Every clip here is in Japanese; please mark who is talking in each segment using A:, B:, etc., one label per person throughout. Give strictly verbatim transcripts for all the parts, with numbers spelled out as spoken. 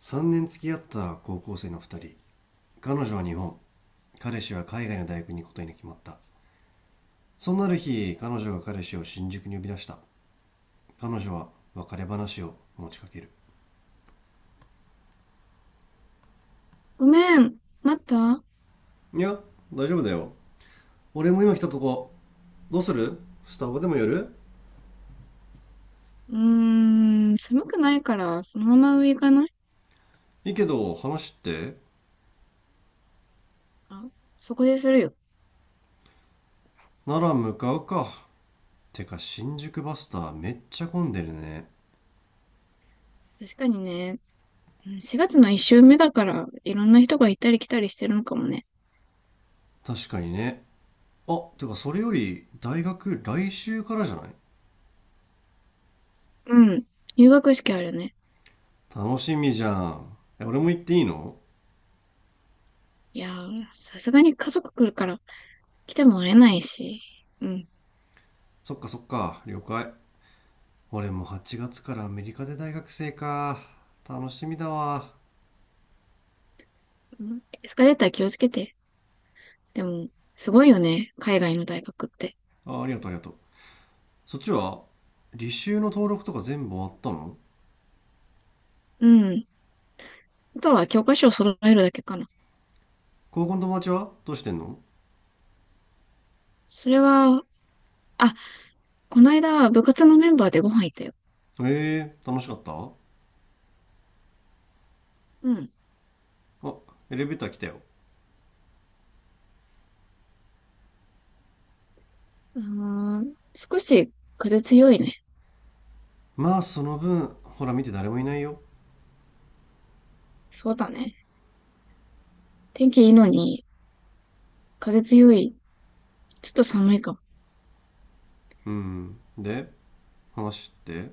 A: さんねん付き合った高校生のふたり。彼女は日本、彼氏は海外の大学に行くことに決まった。そんなある日、彼女が彼氏を新宿に呼び出した。彼女は別れ話を持ちかける。
B: ごめん、待った。
A: いや、大丈夫だよ。俺も今来たとこ。どうする？スタバでも寄る？
B: うーん、寒くないから、そのまま上行かない？
A: いいけど、話って？
B: あ、そこでするよ。
A: なら向かうか。てか新宿バスターめっちゃ混んでるね。
B: 確かにね、うん、しがつのいっ週目だから、いろんな人が行ったり来たりしてるのかもね。
A: 確かにね。あ、てかそれより大学来週からじゃない？
B: うん、入学式あるね。
A: 楽しみじゃん。え、俺も行っていいの？
B: いやー、さすがに家族来るから、来ても会えないし。うん。
A: そっかそっか、了解。俺もはちがつからアメリカで大学生か。楽しみだわ。
B: うん、エスカレーター気をつけて。でも、すごいよね、海外の大学って。
A: あ、ありがとうありがとう。そっちは履修の登録とか全部終わったの？
B: うん、あとは教科書を揃えるだけかな。
A: 高校の友達はどうしてんの？
B: それは、あ、この間、部活のメンバーでご飯行ったよ。
A: ええー、楽しかった？
B: うん。
A: あ、エレベーター来たよ。
B: うーん、少し風強いね。
A: まあその分、ほら見て誰もいないよ。
B: そうだね。天気いいのに、風強い。ちょっと寒いかも。
A: うん。で、話って？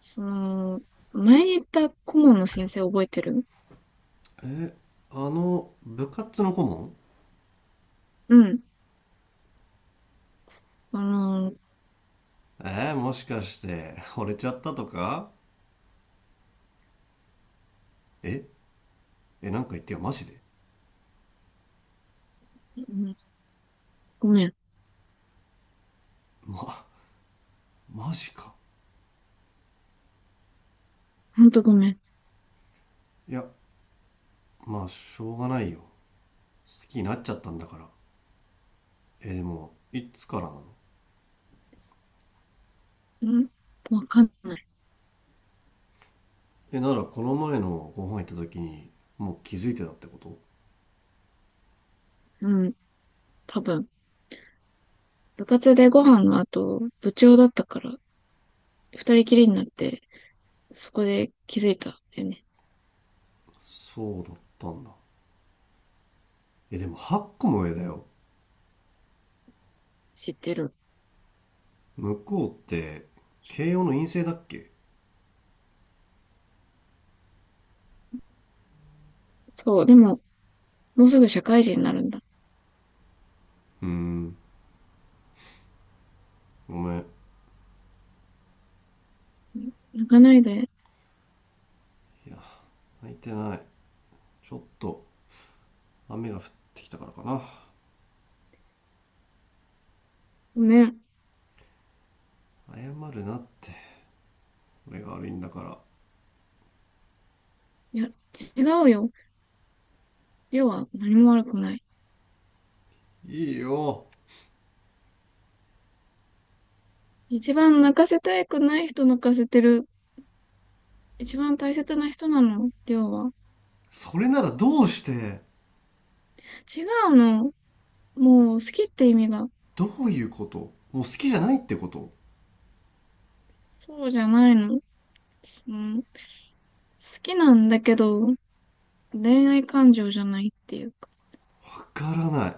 B: その、前に言った顧問の先生覚えてる？
A: え、あの、部活の顧問？
B: うん。あの、
A: えー、もしかして、惚れちゃったとか？え、え、なんか言ってよ、マジで。
B: うん、ごめん。
A: ま、マジか。
B: ほんとごめん。
A: いや、まあしょうがないよ。好きになっちゃったんだから。えー、でもいつからなの？
B: うん、わかんない。
A: え、ならこの前のご飯行った時にもう気づいてたってこと？
B: うん。多分。部活でご飯の後、部長だったから、ふたりきりになって、そこで気づいたんだよね。
A: そうだったんだ。え、でもはっこも上だよ。
B: 知ってる。
A: 向こうって慶応の陰性だっけ？
B: そう。でも、もうすぐ社会人になるんだ。
A: うーん、ごめん。い
B: うん、泣かないで。
A: や、泣いてない。ちょっと雨が降ってきたからかな。
B: ごめん。
A: 謝るなって。俺が悪いんだから。
B: いや、違うよ。要は何も悪くない。
A: いいよ。
B: 一番泣かせたくない人泣かせてる。一番大切な人なの、要は。
A: それならどうして？
B: 違うの。もう好きって意味が。
A: どういうこと？もう好きじゃないってこと？
B: そうじゃないの。その好きなんだけど、恋愛感情じゃないっていうか。
A: わからない。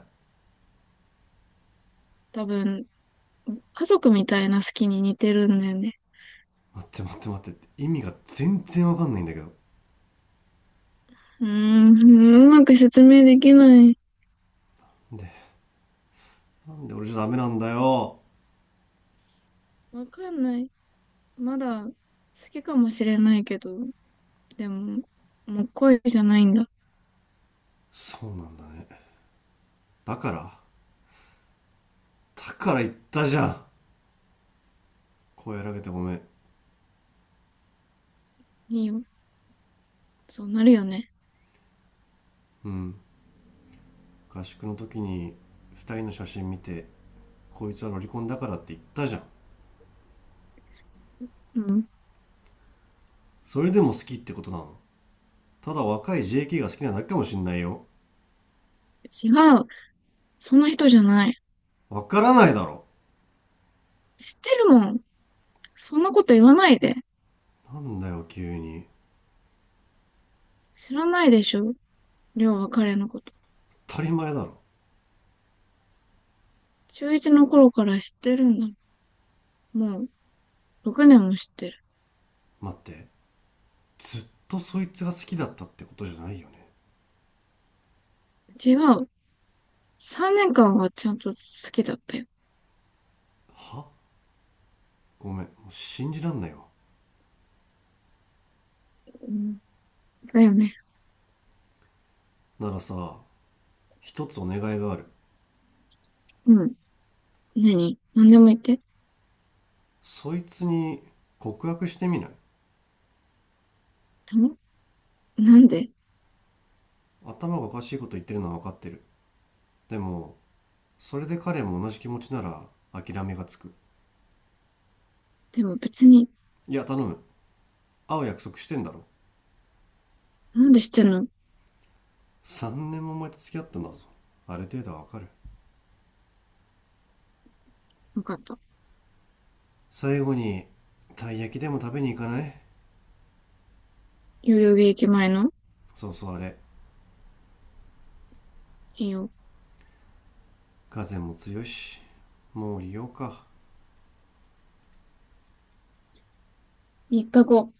B: 多分、家族みたいな好きに似てるんだよね。
A: 待って待って待って。意味が全然わかんないんだけど。
B: うーん、うまく説明できない。
A: で、なんで俺じゃダメなんだよ。
B: わかんない。まだ好きかもしれないけど、でも、もう恋じゃないんだ。
A: そうなんだね。だからだから言ったじゃん。声荒げてごめん。
B: いいよ。そうなるよね。
A: うん。合宿の時に二人の写真見て、こいつはロリコンだからって言ったじゃん。
B: うん。
A: それでも好きってことなの？ただ若い ジェーケー が好きなだけかもしんないよ。
B: 違う。その人じゃない。
A: わからないだろ。
B: 知ってるもん。そんなこと言わないで。
A: なんだよ急に。
B: 知らないでしょ。りょうは彼のこと。
A: 当たり前だろ。
B: ちゅういちの頃から知ってるんだ。もう、ろくねんも知ってる。
A: 待って。ずっとそいつが好きだったってことじゃないよね。
B: 違う。さんねんかんはちゃんと好きだったよ。
A: は？ごめん、もう信じらんないよ。
B: うん、だよね。
A: ならさ、一つお願いがある。
B: うん。何？何でも言って。
A: そいつに告白してみない？
B: んなんで？
A: 頭がおかしいこと言ってるのは分かってる。でも、それで彼も同じ気持ちなら諦めがつく。
B: でも別に、
A: いや、頼む。会う約束してんだろ。
B: なんで知ってんの？
A: さんねんも前と付き合ったんだぞ。ある程度は分かる。
B: わかった。
A: 最後に、たい焼きでも食べに行かない？
B: 代々木駅前の？
A: そうそう、あれ。
B: いいよ。
A: 風も強いし。もう利用か。
B: みっかご、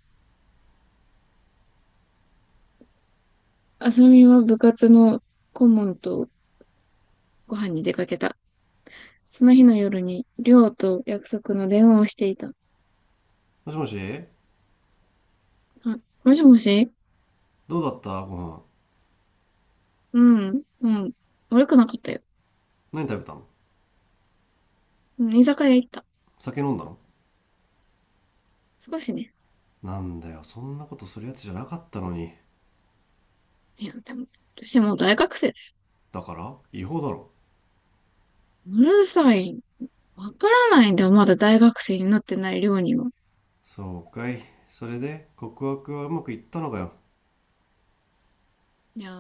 B: あさみは部活の顧問とご飯に出かけた。その日の夜に、りょうと約束の電話をしていた。
A: もしもし。
B: あ、もしもし。
A: どうだったご飯？
B: うん、うん。悪くなかったよ。
A: 何食べたの？
B: 居酒屋行った。
A: 酒飲んだの？
B: 少しね。
A: なんだよ、そんなことするやつじゃなかったのに。
B: いや、でも、私もう大学生。
A: だから違法だろ。
B: うるさい。わからないんだよ。まだ大学生になってないりょうには。
A: そうかい。それで告白はうまくいったのかよ。
B: いや、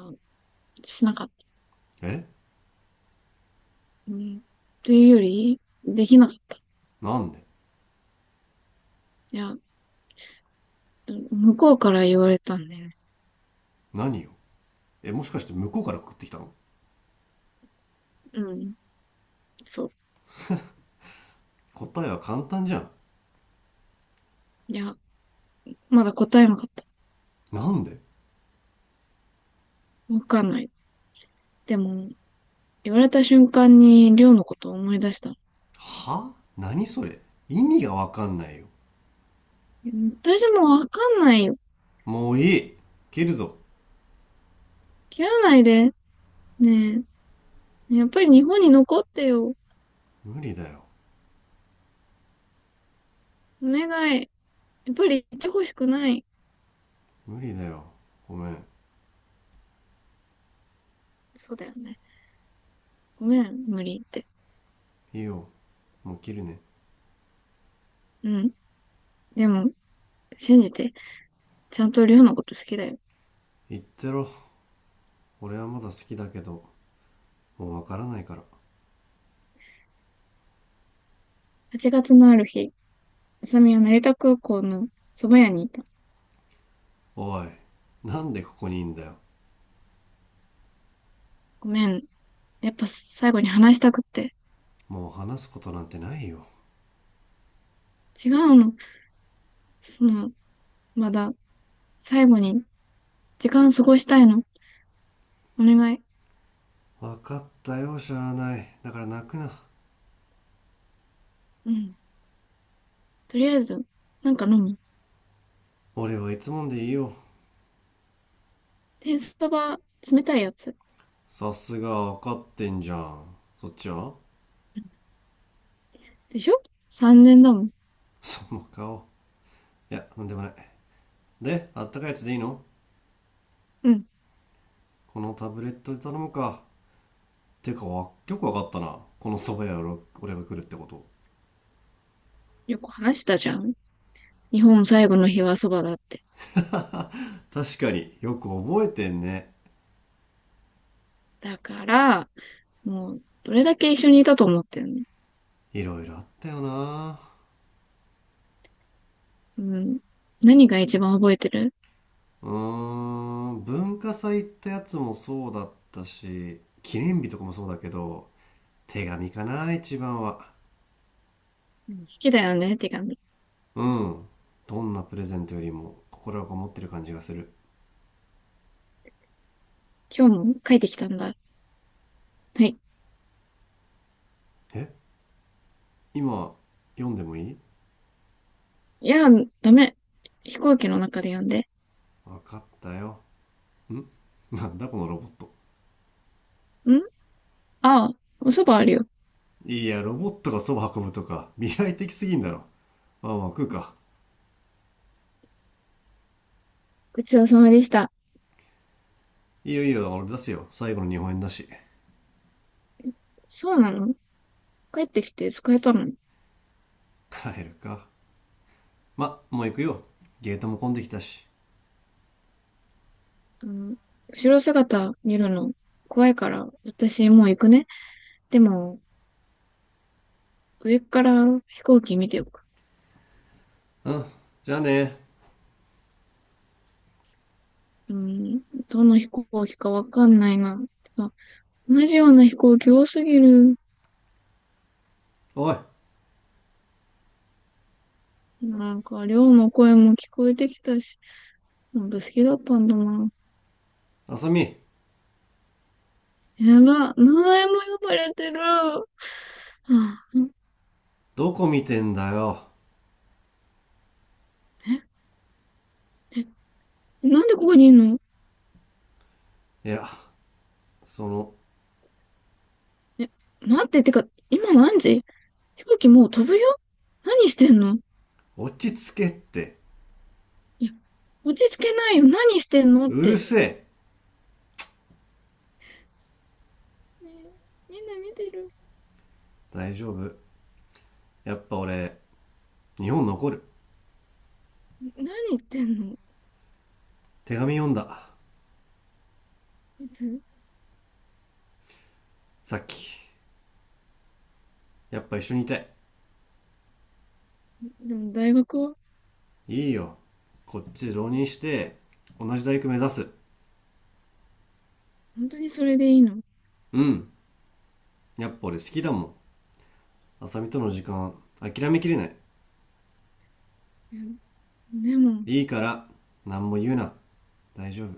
B: しなかった。
A: え、
B: うん。というより、できなかった。
A: なんで？
B: いや、向こうから言われたんだよね。
A: 何よ？え、もしかして向こうから告ってきたの？
B: うん。そう。
A: 答えは簡単じゃん。
B: いや、まだ答えなかった。
A: なんで？
B: わかんない。でも、言われた瞬間に、りょうのことを思い出した。
A: は？何それ？意味がわかんないよ。
B: 私もわかんないよ。
A: もういい。切るぞ。
B: 切らないで。ねえ。やっぱり日本に残ってよ。
A: 無理だよ。
B: お願い。やっぱり行ってほしくない。
A: 無理だよ。ごめん。
B: そうだよね。ごめん、無理言って。
A: いいよ。もう切るね。
B: うん。でも、信じて。ちゃんとりょうのこと好きだよ。
A: 言ってろ。俺はまだ好きだけどもうわからないから。
B: はちがつのある日、あさみは成田空港のそば屋にいた。
A: おい、なんでここにいんだよ？
B: ごめん。やっぱ最後に話したくって。
A: もう話すことなんてないよ。
B: 違うの。その、まだ、最後に時間過ごしたいの。お願い。
A: 分かったよ、しゃあない。だから泣くな。
B: うん。とりあえず、なんか飲む。
A: 俺はいつもんでいいよ。
B: 天そば、冷たいやつ。
A: さすが分かってんじゃん。そっちは？
B: でしょ？ さん 年だもん。
A: その顔。いや、なんでもない。で、あったかいやつでいいの？
B: うん。
A: このタブレットで頼むか。てか、よく分かったな、この蕎麦屋を俺が来るってこと。
B: よく話したじゃん。日本最後の日はそばだって。
A: 確かによく覚えてんね。
B: だから、もう、どれだけ一緒にいたと思ってるの？
A: いろいろあったよな。
B: うん。何が一番覚えてる？
A: うーん、文化祭ってやつもそうだったし記念日とかもそうだけど、手紙かな、一番は。
B: うん、好きだよね、手紙。
A: うん。どんなプレゼントよりも心がこもってる感じがする。
B: 今日も書いてきたんだ。はい。
A: え、今読んでもいい？
B: いや、ダメ。飛行機の中で読んで。
A: 分かったよ。ん、なんだこのロボット？
B: んああ、おそばあるよ。
A: いや、ロボットがそば運ぶとか未来的すぎんだろ。まあまあ、食うか。
B: ごちそうさまでした。
A: いいよいいよ、俺出すよ。最後の日本円だし。
B: そうなの？帰ってきて使えたの？
A: 帰るか。ま、もう行くよ。ゲートも混んできたし。
B: うん。後ろ姿見るの怖いから、私もう行くね。でも、上から飛行機見てよく。
A: うん。じゃあね。
B: うん、どの飛行機かわかんないな。同じような飛行機多すぎる。
A: おい、
B: なんか、寮の声も聞こえてきたし、なんか好きだったんだな。
A: あさみ。
B: やば、名前も呼ばれてる。はあ、
A: どこ見てんだよ。
B: え、え、なんでここにいるの？
A: いや、その。
B: え、待って、てか、今何時？飛行機もう飛ぶよ。何してんの？
A: 落ち着けって。
B: いや、落ち着けないよ。何してんのっ
A: うる
B: て。
A: せえ。
B: ねえ、みんな見てる。
A: 大丈夫。やっぱ俺、日本残る。
B: 何言ってんの？
A: 手紙読んだ。
B: いつ？
A: さっき。やっぱ一緒にいたい。
B: でも大学は？
A: いいよ。こっちで浪人して、同じ大学目指す。
B: 本当にそれでいいの？
A: うん。やっぱ俺好きだもん。あさみとの時間、諦めきれない。
B: うん。でも
A: いいから、何も言うな。大丈夫。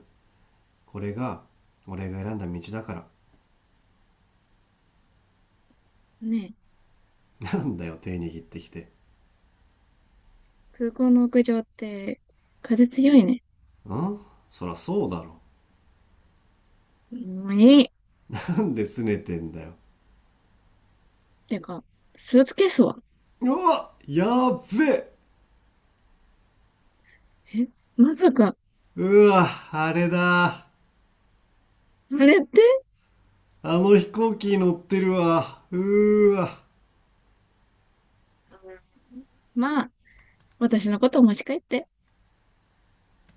A: これが、俺が選んだ道だから。
B: ね、
A: なんだよ、手握ってきて。
B: 空港の屋上って風強いね。
A: ん、そらそうだろ。
B: もういい。
A: なんで拗ねてんだよ。
B: てか、スーツケースは？
A: うわ、やっべ。
B: え、まさか、
A: うわ、あれだ。
B: あれって？
A: あの飛行機乗ってるわ。うーわ。
B: まあ、私のことを持ち帰って。